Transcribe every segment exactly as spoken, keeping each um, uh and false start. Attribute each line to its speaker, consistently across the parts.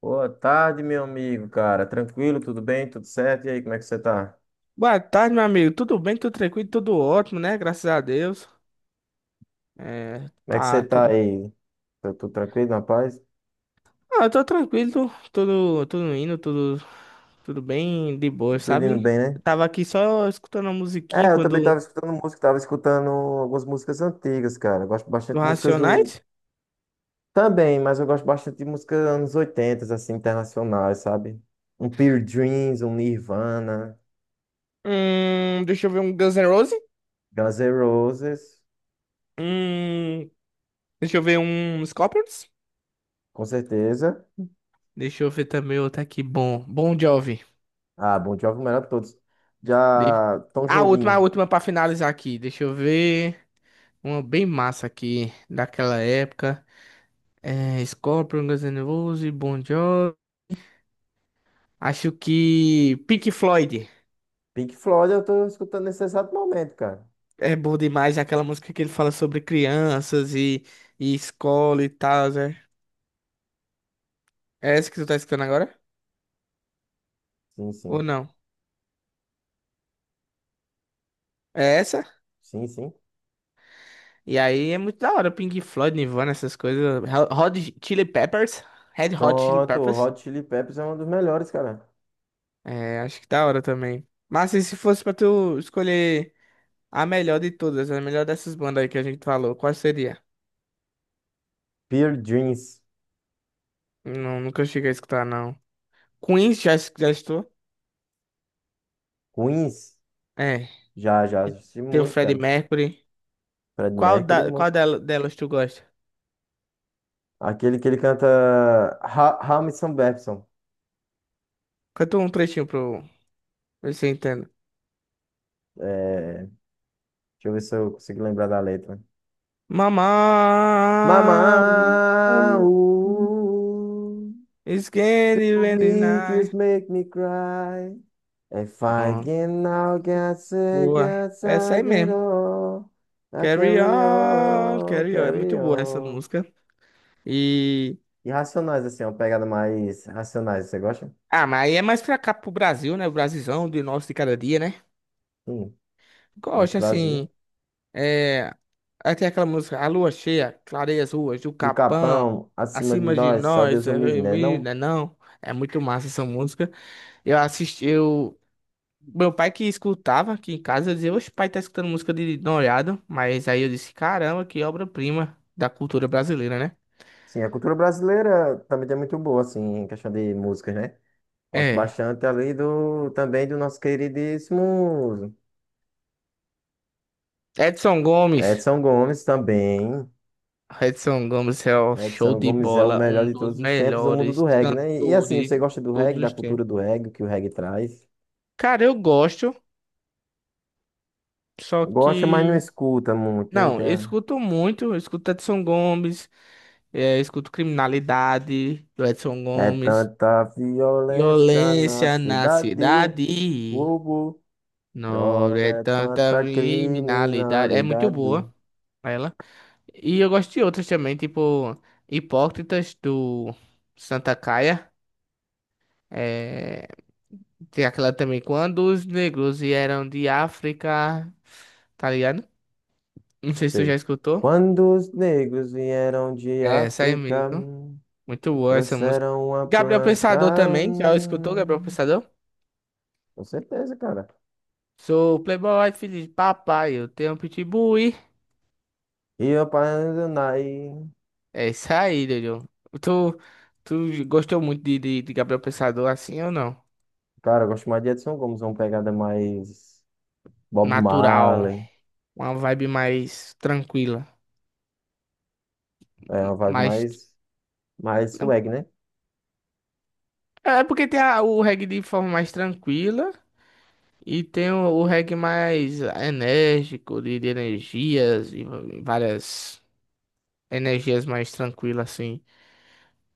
Speaker 1: Boa tarde, meu amigo, cara. Tranquilo, tudo bem? Tudo certo? E aí, como é que você tá?
Speaker 2: Boa tarde, meu amigo. Tudo bem? Tudo tranquilo? Tudo ótimo, né? Graças a Deus. É,
Speaker 1: Como é que você
Speaker 2: tá
Speaker 1: tá
Speaker 2: tudo.
Speaker 1: aí? Tá tudo tranquilo, rapaz.
Speaker 2: Ah, eu tô tranquilo, tudo, tudo indo, tudo, tudo bem de boa,
Speaker 1: Tudo indo
Speaker 2: sabe?
Speaker 1: bem, né?
Speaker 2: Eu tava aqui só escutando a musiquinha
Speaker 1: É, eu também
Speaker 2: quando
Speaker 1: tava escutando música, tava escutando algumas músicas antigas, cara. Eu gosto
Speaker 2: do
Speaker 1: bastante de músicas do.
Speaker 2: Racionais.
Speaker 1: Também, mas eu gosto bastante de músicas anos oitenta, assim, internacionais, sabe? Um Pearl Dreams, um Nirvana,
Speaker 2: Hum, deixa eu ver um Guns N' Roses.
Speaker 1: Guns N' Roses,
Speaker 2: Hum, deixa eu ver um Scorpions.
Speaker 1: com certeza.
Speaker 2: Deixa eu ver também outro aqui bom. Bom Jovi.
Speaker 1: Ah, Bon Jovi, o melhor de todos.
Speaker 2: De...
Speaker 1: Já Tom
Speaker 2: Ah, A última, a
Speaker 1: Jobim,
Speaker 2: última pra finalizar aqui. Deixa eu ver uma bem massa aqui daquela época. É, Scorpion, Guns N' Roses, Bon Jovi. Acho que Pink Floyd
Speaker 1: Pink Floyd, eu tô escutando nesse exato momento, cara.
Speaker 2: é bom demais, é aquela música que ele fala sobre crianças e, e escola e tal, né? É essa que tu tá escutando agora?
Speaker 1: Sim,
Speaker 2: Ou
Speaker 1: sim.
Speaker 2: não? É essa?
Speaker 1: Sim, sim.
Speaker 2: E aí é muito da hora, Pink Floyd, Nirvana, essas coisas. Ho- Hot Chili Peppers, Red Hot Chili
Speaker 1: Pronto, o
Speaker 2: Peppers.
Speaker 1: Hot Chili Peppers é um dos melhores, cara.
Speaker 2: É, acho que da hora também. Mas e se fosse pra tu escolher a melhor de todas, a melhor dessas bandas aí que a gente falou, qual seria?
Speaker 1: Pure Dreams,
Speaker 2: Não, nunca cheguei a escutar, não. Queens já, es- já estou.
Speaker 1: Queens,
Speaker 2: É.
Speaker 1: já, já
Speaker 2: E
Speaker 1: assisti
Speaker 2: tem o
Speaker 1: muito,
Speaker 2: Freddie
Speaker 1: cara.
Speaker 2: Mercury.
Speaker 1: Fred
Speaker 2: Qual,
Speaker 1: Mercury,
Speaker 2: da, qual
Speaker 1: muito.
Speaker 2: dela- Delas tu gosta?
Speaker 1: Aquele que ele canta Ha- Hamilton Babson.
Speaker 2: Canta um trechinho pro ver se eu entendo.
Speaker 1: É, deixa eu ver se eu consigo lembrar da letra.
Speaker 2: Mamá. uh,
Speaker 1: Mama,
Speaker 2: uh,
Speaker 1: ooh,
Speaker 2: It's candy when it's
Speaker 1: make you
Speaker 2: night.
Speaker 1: make me cry. If I
Speaker 2: Ó,
Speaker 1: can now get sick,
Speaker 2: boa.
Speaker 1: yes,
Speaker 2: Essa
Speaker 1: I
Speaker 2: aí
Speaker 1: get
Speaker 2: mesmo.
Speaker 1: all. I
Speaker 2: Carry
Speaker 1: carry
Speaker 2: on,
Speaker 1: on,
Speaker 2: carry on. É
Speaker 1: carry
Speaker 2: muito boa essa
Speaker 1: on.
Speaker 2: música. E.
Speaker 1: E Racionais, assim, é uma pegada mais Racionais. Você gosta?
Speaker 2: Ah, mas aí é mais pra cá pro Brasil, né? O Brasilzão de nosso de cada dia, né?
Speaker 1: Sim, nosso
Speaker 2: Gosto, assim.
Speaker 1: Brasil.
Speaker 2: É, aí tem aquela música, a lua cheia, clareia as ruas do
Speaker 1: Do
Speaker 2: Capão,
Speaker 1: Capão, acima de
Speaker 2: acima de
Speaker 1: nós, só Deus
Speaker 2: nós, é,
Speaker 1: o livre, né? Não?
Speaker 2: menina, não. É muito massa essa música. Eu assisti, eu... Meu pai que escutava aqui em casa eu dizia, oxe, pai tá escutando música de Noriado. Mas aí eu disse, caramba, que obra-prima da cultura brasileira, né?
Speaker 1: Sim, a cultura brasileira também é muito boa, assim, em questão de músicas, né? Gosto
Speaker 2: É.
Speaker 1: bastante ali do, também do nosso queridíssimo
Speaker 2: Edson Gomes.
Speaker 1: Edson Gomes também.
Speaker 2: Edson Gomes é o show
Speaker 1: Edson
Speaker 2: de
Speaker 1: Gomes é o
Speaker 2: bola,
Speaker 1: melhor
Speaker 2: um
Speaker 1: de
Speaker 2: dos
Speaker 1: todos os tempos do mundo
Speaker 2: melhores
Speaker 1: do reggae, né? E, e assim,
Speaker 2: cantores
Speaker 1: você
Speaker 2: de
Speaker 1: gosta do
Speaker 2: todos
Speaker 1: reggae, da
Speaker 2: os tempos.
Speaker 1: cultura do reggae, o que o reggae traz?
Speaker 2: Cara, eu gosto, só
Speaker 1: Gosta, mas não
Speaker 2: que
Speaker 1: escuta muito, né? Não
Speaker 2: não,
Speaker 1: tem...
Speaker 2: eu escuto muito, eu escuto Edson Gomes, eh, eu escuto Criminalidade do Edson
Speaker 1: É
Speaker 2: Gomes,
Speaker 1: tanta violência na
Speaker 2: Violência na
Speaker 1: cidade,
Speaker 2: Cidade,
Speaker 1: Hugo,
Speaker 2: não
Speaker 1: prova
Speaker 2: é
Speaker 1: é
Speaker 2: tanta
Speaker 1: tanta
Speaker 2: criminalidade, é muito
Speaker 1: criminalidade.
Speaker 2: boa ela. E eu gosto de outras também, tipo Hipócritas do Santa Caia, eh, tem aquela também, Quando os Negros Vieram de África, tá ligado? Não sei se tu já
Speaker 1: Sei.
Speaker 2: escutou.
Speaker 1: Quando os negros vieram de
Speaker 2: É, essa aí
Speaker 1: África,
Speaker 2: mesmo.
Speaker 1: hum,
Speaker 2: Muito boa essa música.
Speaker 1: trouxeram uma
Speaker 2: Gabriel
Speaker 1: planta,
Speaker 2: Pensador também, já escutou Gabriel
Speaker 1: hum,
Speaker 2: Pensador?
Speaker 1: com certeza, cara.
Speaker 2: Sou playboy, filho de papai, eu tenho um pitbull. e-
Speaker 1: E eu Nai.
Speaker 2: É isso aí, Dojo. Tu, tu gostou muito de, de, de Gabriel Pensador assim ou não?
Speaker 1: Cara, eu gosto mais de Edson Gomes, é uma pegada mais Bob
Speaker 2: Natural,
Speaker 1: Marley,
Speaker 2: uma vibe mais tranquila,
Speaker 1: é uma vibe
Speaker 2: mais...
Speaker 1: mais, mais swag, né?
Speaker 2: É porque tem a- o reggae de forma mais tranquila e tem o, o reggae mais enérgico, de, de energias, e várias energias mais tranquilas assim.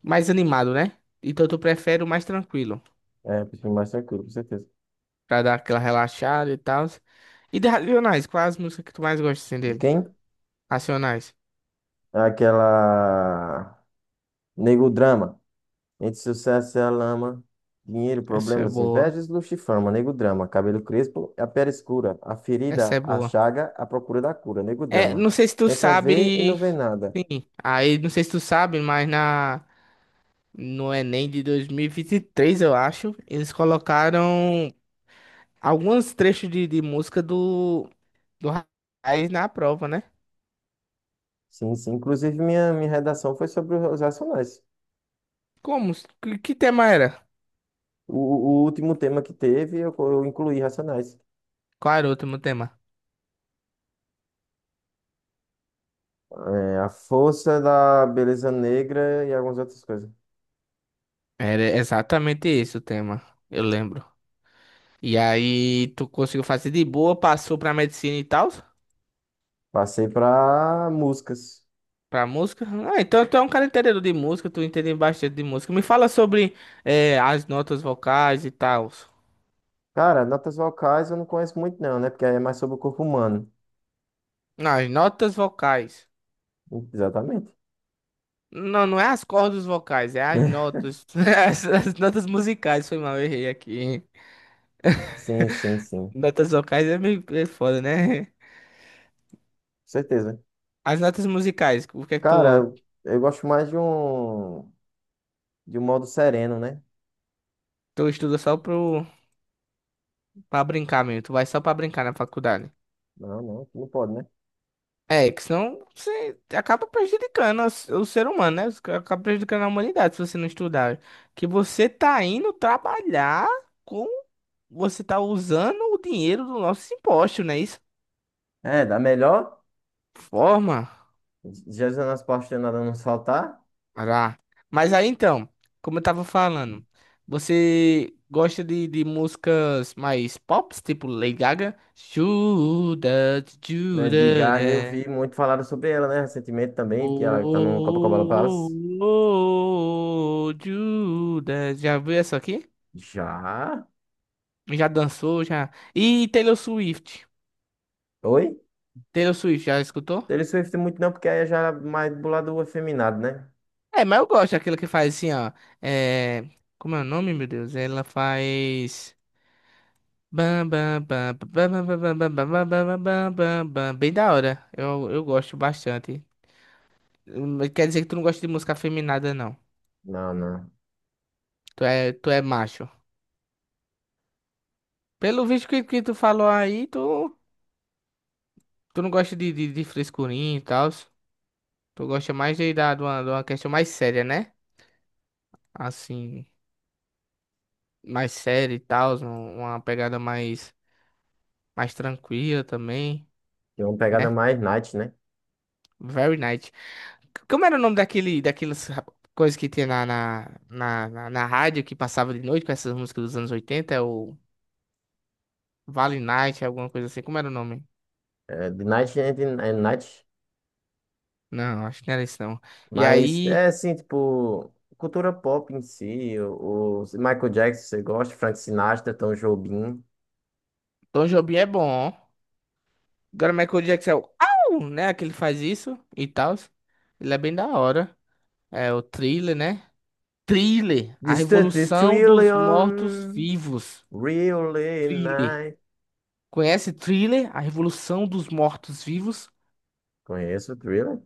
Speaker 2: Mais animado, né? Então tu prefere o mais tranquilo,
Speaker 1: É, um perfil mais tranquilo, com certeza.
Speaker 2: pra dar aquela relaxada e tal. E de Racionais, qual é as músicas que tu mais gosta assim,
Speaker 1: E
Speaker 2: dele?
Speaker 1: quem?
Speaker 2: Racionais.
Speaker 1: Aquela Nego Drama. Entre sucesso e a lama, dinheiro,
Speaker 2: Essa é
Speaker 1: problemas,
Speaker 2: boa.
Speaker 1: invejas, luxo e fama. Nego Drama. Cabelo crespo, a pele escura. A
Speaker 2: Essa
Speaker 1: ferida,
Speaker 2: é
Speaker 1: a
Speaker 2: boa.
Speaker 1: chaga, a procura da cura. Nego
Speaker 2: É,
Speaker 1: Drama.
Speaker 2: não sei se tu
Speaker 1: Tenta ver e não
Speaker 2: sabe.
Speaker 1: vê nada.
Speaker 2: Sim, aí não sei se tu sabe, mas na no Enem de dois mil e vinte e três, eu acho, eles colocaram alguns trechos de, de música do do Racionais na prova, né?
Speaker 1: Sim, sim. Inclusive, minha, minha redação foi sobre os Racionais.
Speaker 2: Como? Que, que tema era?
Speaker 1: O, o último tema que teve, eu, co- eu incluí Racionais.
Speaker 2: Qual era o último tema?
Speaker 1: É, a força da beleza negra e algumas outras coisas.
Speaker 2: Era exatamente esse o tema, eu lembro. E aí tu conseguiu fazer de boa, passou pra medicina e tal,
Speaker 1: Passei para músicas.
Speaker 2: pra música. Ah, então tu é um cara entendedor de música, tu entende bastante de música. Me fala sobre eh, as notas vocais e tal.
Speaker 1: Cara, notas vocais eu não conheço muito não, né? Porque aí é mais sobre o corpo humano.
Speaker 2: Não, as notas vocais.
Speaker 1: Exatamente.
Speaker 2: Não, não é as cordas vocais, é as notas. As, as notas musicais, foi mal, eu errei aqui.
Speaker 1: Sim, sim, sim. Com
Speaker 2: Notas vocais é meio é foda, né?
Speaker 1: certeza.
Speaker 2: As notas musicais, o que é que
Speaker 1: Cara,
Speaker 2: tu,
Speaker 1: eu, eu gosto mais de um de um modo sereno, né?
Speaker 2: tu estuda só pro, pra brincar mesmo? Tu vai só pra brincar na faculdade.
Speaker 1: Não, não, não pode, né?
Speaker 2: É, que senão você acaba prejudicando as- o ser humano, né? Você acaba prejudicando a humanidade se você não estudar. Que você tá indo trabalhar com. Você tá usando o dinheiro do nosso imposto, né? Isso
Speaker 1: É, da melhor,
Speaker 2: forma.
Speaker 1: Jesus nas Pastas Nada Não Saltar,
Speaker 2: Ará. Mas aí então, como eu tava falando, você gosta de, de músicas mais pop, tipo Lady Gaga? Judas,
Speaker 1: né? De
Speaker 2: Judas,
Speaker 1: Gaga, eu
Speaker 2: né?
Speaker 1: vi muito falaram sobre ela, né? Recentemente também, que ela tá no Copacabana
Speaker 2: Oh, oh,
Speaker 1: Palace.
Speaker 2: oh, oh, Judas. Já viu essa aqui?
Speaker 1: Já?
Speaker 2: Já dançou, já. E Taylor Swift.
Speaker 1: Oi?
Speaker 2: Taylor Swift, já escutou?
Speaker 1: Taylor Swift muito não, porque aí já é mais do lado efeminado, né?
Speaker 2: É, mas eu gosto daquela que faz assim, ó. É... Como é o nome, meu Deus? Ela faz. Bam, bam, bam, bam, bam, bam, bam, bam, bam, bam, bam, bam, bam. Bem da hora. Eu, eu gosto bastante. Hum, Quer dizer que tu não gosta de música afeminada, não.
Speaker 1: Não, não.
Speaker 2: Tu é, tu é macho. Pelo visto que, que tu falou aí, tu. Tu não gosta de, de, de frescurinha e tal? Tu gosta mais de, da, de, uma, de uma questão mais séria, né? Assim, mais séria e tal, um- uma pegada mais, mais tranquila também,
Speaker 1: Tem uma pegada
Speaker 2: né?
Speaker 1: mais night, né?
Speaker 2: Very nice. C- Como era o nome daquele, daquelas ra- coisas que tinha na, na, na, na, na rádio que passava de noite com essas músicas dos anos oitenta. É o Vale Night, alguma coisa assim. Como era o nome?
Speaker 1: É, de Night and, and Night.
Speaker 2: Não, acho que não era isso não. E
Speaker 1: Mas
Speaker 2: aí,
Speaker 1: é assim, tipo, cultura pop em si, o, o Michael Jackson, você gosta, Frank Sinatra, Tom Jobim.
Speaker 2: Tom Jobim é bom. Agora, Michael Jackson é o... Au! Né? Que ele faz isso e tal. Ele é bem da hora. É o Thriller, né? Thriller. A
Speaker 1: Distante
Speaker 2: Revolução dos
Speaker 1: Trillion,
Speaker 2: Mortos-Vivos.
Speaker 1: Really
Speaker 2: Thriller.
Speaker 1: Night.
Speaker 2: Conhece Thriller? A Revolução dos Mortos-Vivos?
Speaker 1: Conheço o Thriller?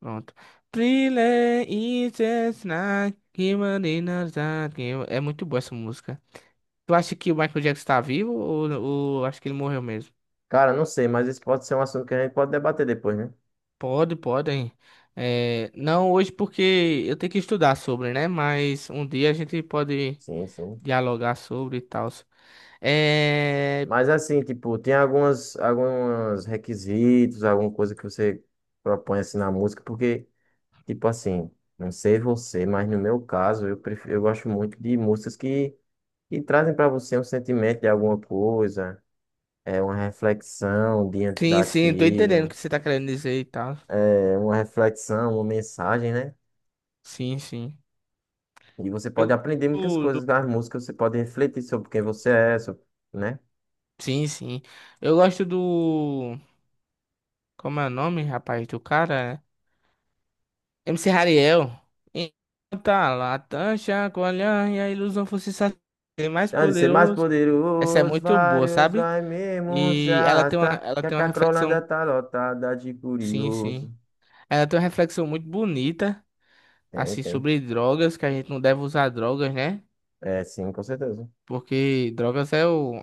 Speaker 2: Pronto. Thriller is just like human in a dark game. É muito boa essa música. Tu acha que o Michael Jackson tá vivo ou, ou acho que ele morreu mesmo?
Speaker 1: Cara, não sei, mas isso pode ser um assunto que a gente pode debater depois, né?
Speaker 2: Pode, podem. É, não hoje porque eu tenho que estudar sobre, né? Mas um dia a gente pode
Speaker 1: Sim, sim.
Speaker 2: dialogar sobre e tal. É,
Speaker 1: Mas assim, tipo, tem algumas, alguns requisitos, alguma coisa que você propõe assim na música, porque. Tipo assim, não sei você, mas no meu caso, eu, pref... eu gosto muito de músicas que, que trazem para você um sentimento de alguma coisa, é uma reflexão diante
Speaker 2: sim, sim, tô entendendo o
Speaker 1: daquilo,
Speaker 2: que você tá querendo dizer e tal.
Speaker 1: é uma reflexão, uma mensagem, né?
Speaker 2: Sim, sim.
Speaker 1: E você pode
Speaker 2: Eu,
Speaker 1: aprender muitas
Speaker 2: do-
Speaker 1: coisas
Speaker 2: do-
Speaker 1: das músicas, você pode refletir sobre quem você é, sobre, né?
Speaker 2: sim, sim. Eu gosto do. Como é o nome, rapaz, do cara? M C Hariel. Tá lá, tancha, colhão e a ilusão fosse satisfazer mais
Speaker 1: Então, de ser mais
Speaker 2: poderoso. Essa é
Speaker 1: poderoso,
Speaker 2: muito boa,
Speaker 1: vários
Speaker 2: sabe?
Speaker 1: vai mesmo se
Speaker 2: E ela tem uma,
Speaker 1: arrastar,
Speaker 2: ela
Speaker 1: que a
Speaker 2: tem uma
Speaker 1: cacrolândia
Speaker 2: reflexão,
Speaker 1: tá lotada de
Speaker 2: sim, sim.
Speaker 1: curioso.
Speaker 2: Ela tem uma reflexão muito bonita,
Speaker 1: Tem,
Speaker 2: assim,
Speaker 1: tem.
Speaker 2: sobre drogas, que a gente não deve usar drogas, né?
Speaker 1: É, sim, com certeza.
Speaker 2: Porque drogas é o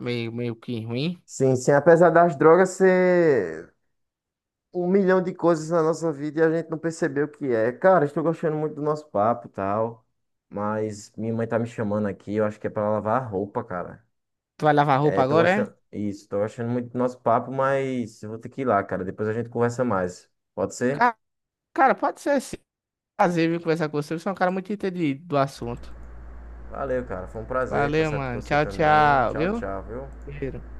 Speaker 2: meio, meio que ruim.
Speaker 1: Sim, sim. Apesar das drogas ser um milhão de coisas na nossa vida e a gente não percebeu o que é. Cara, estou gostando muito do nosso papo e tal. Mas minha mãe tá me chamando aqui, eu acho que é pra lavar a roupa, cara.
Speaker 2: Tu vai lavar roupa
Speaker 1: É, tô
Speaker 2: agora, é?
Speaker 1: gostando. Isso, tô gostando muito do nosso papo, mas eu vou ter que ir lá, cara. Depois a gente conversa mais. Pode ser?
Speaker 2: Ca- Cara, pode ser assim. Prazer vir conversar com você. Você é um cara muito entendido do assunto.
Speaker 1: Valeu, cara. Foi um prazer
Speaker 2: Valeu,
Speaker 1: conversar com
Speaker 2: mano.
Speaker 1: você
Speaker 2: Tchau,
Speaker 1: também.
Speaker 2: tchau,
Speaker 1: Tchau,
Speaker 2: viu?
Speaker 1: tchau, viu?
Speaker 2: Cheiro.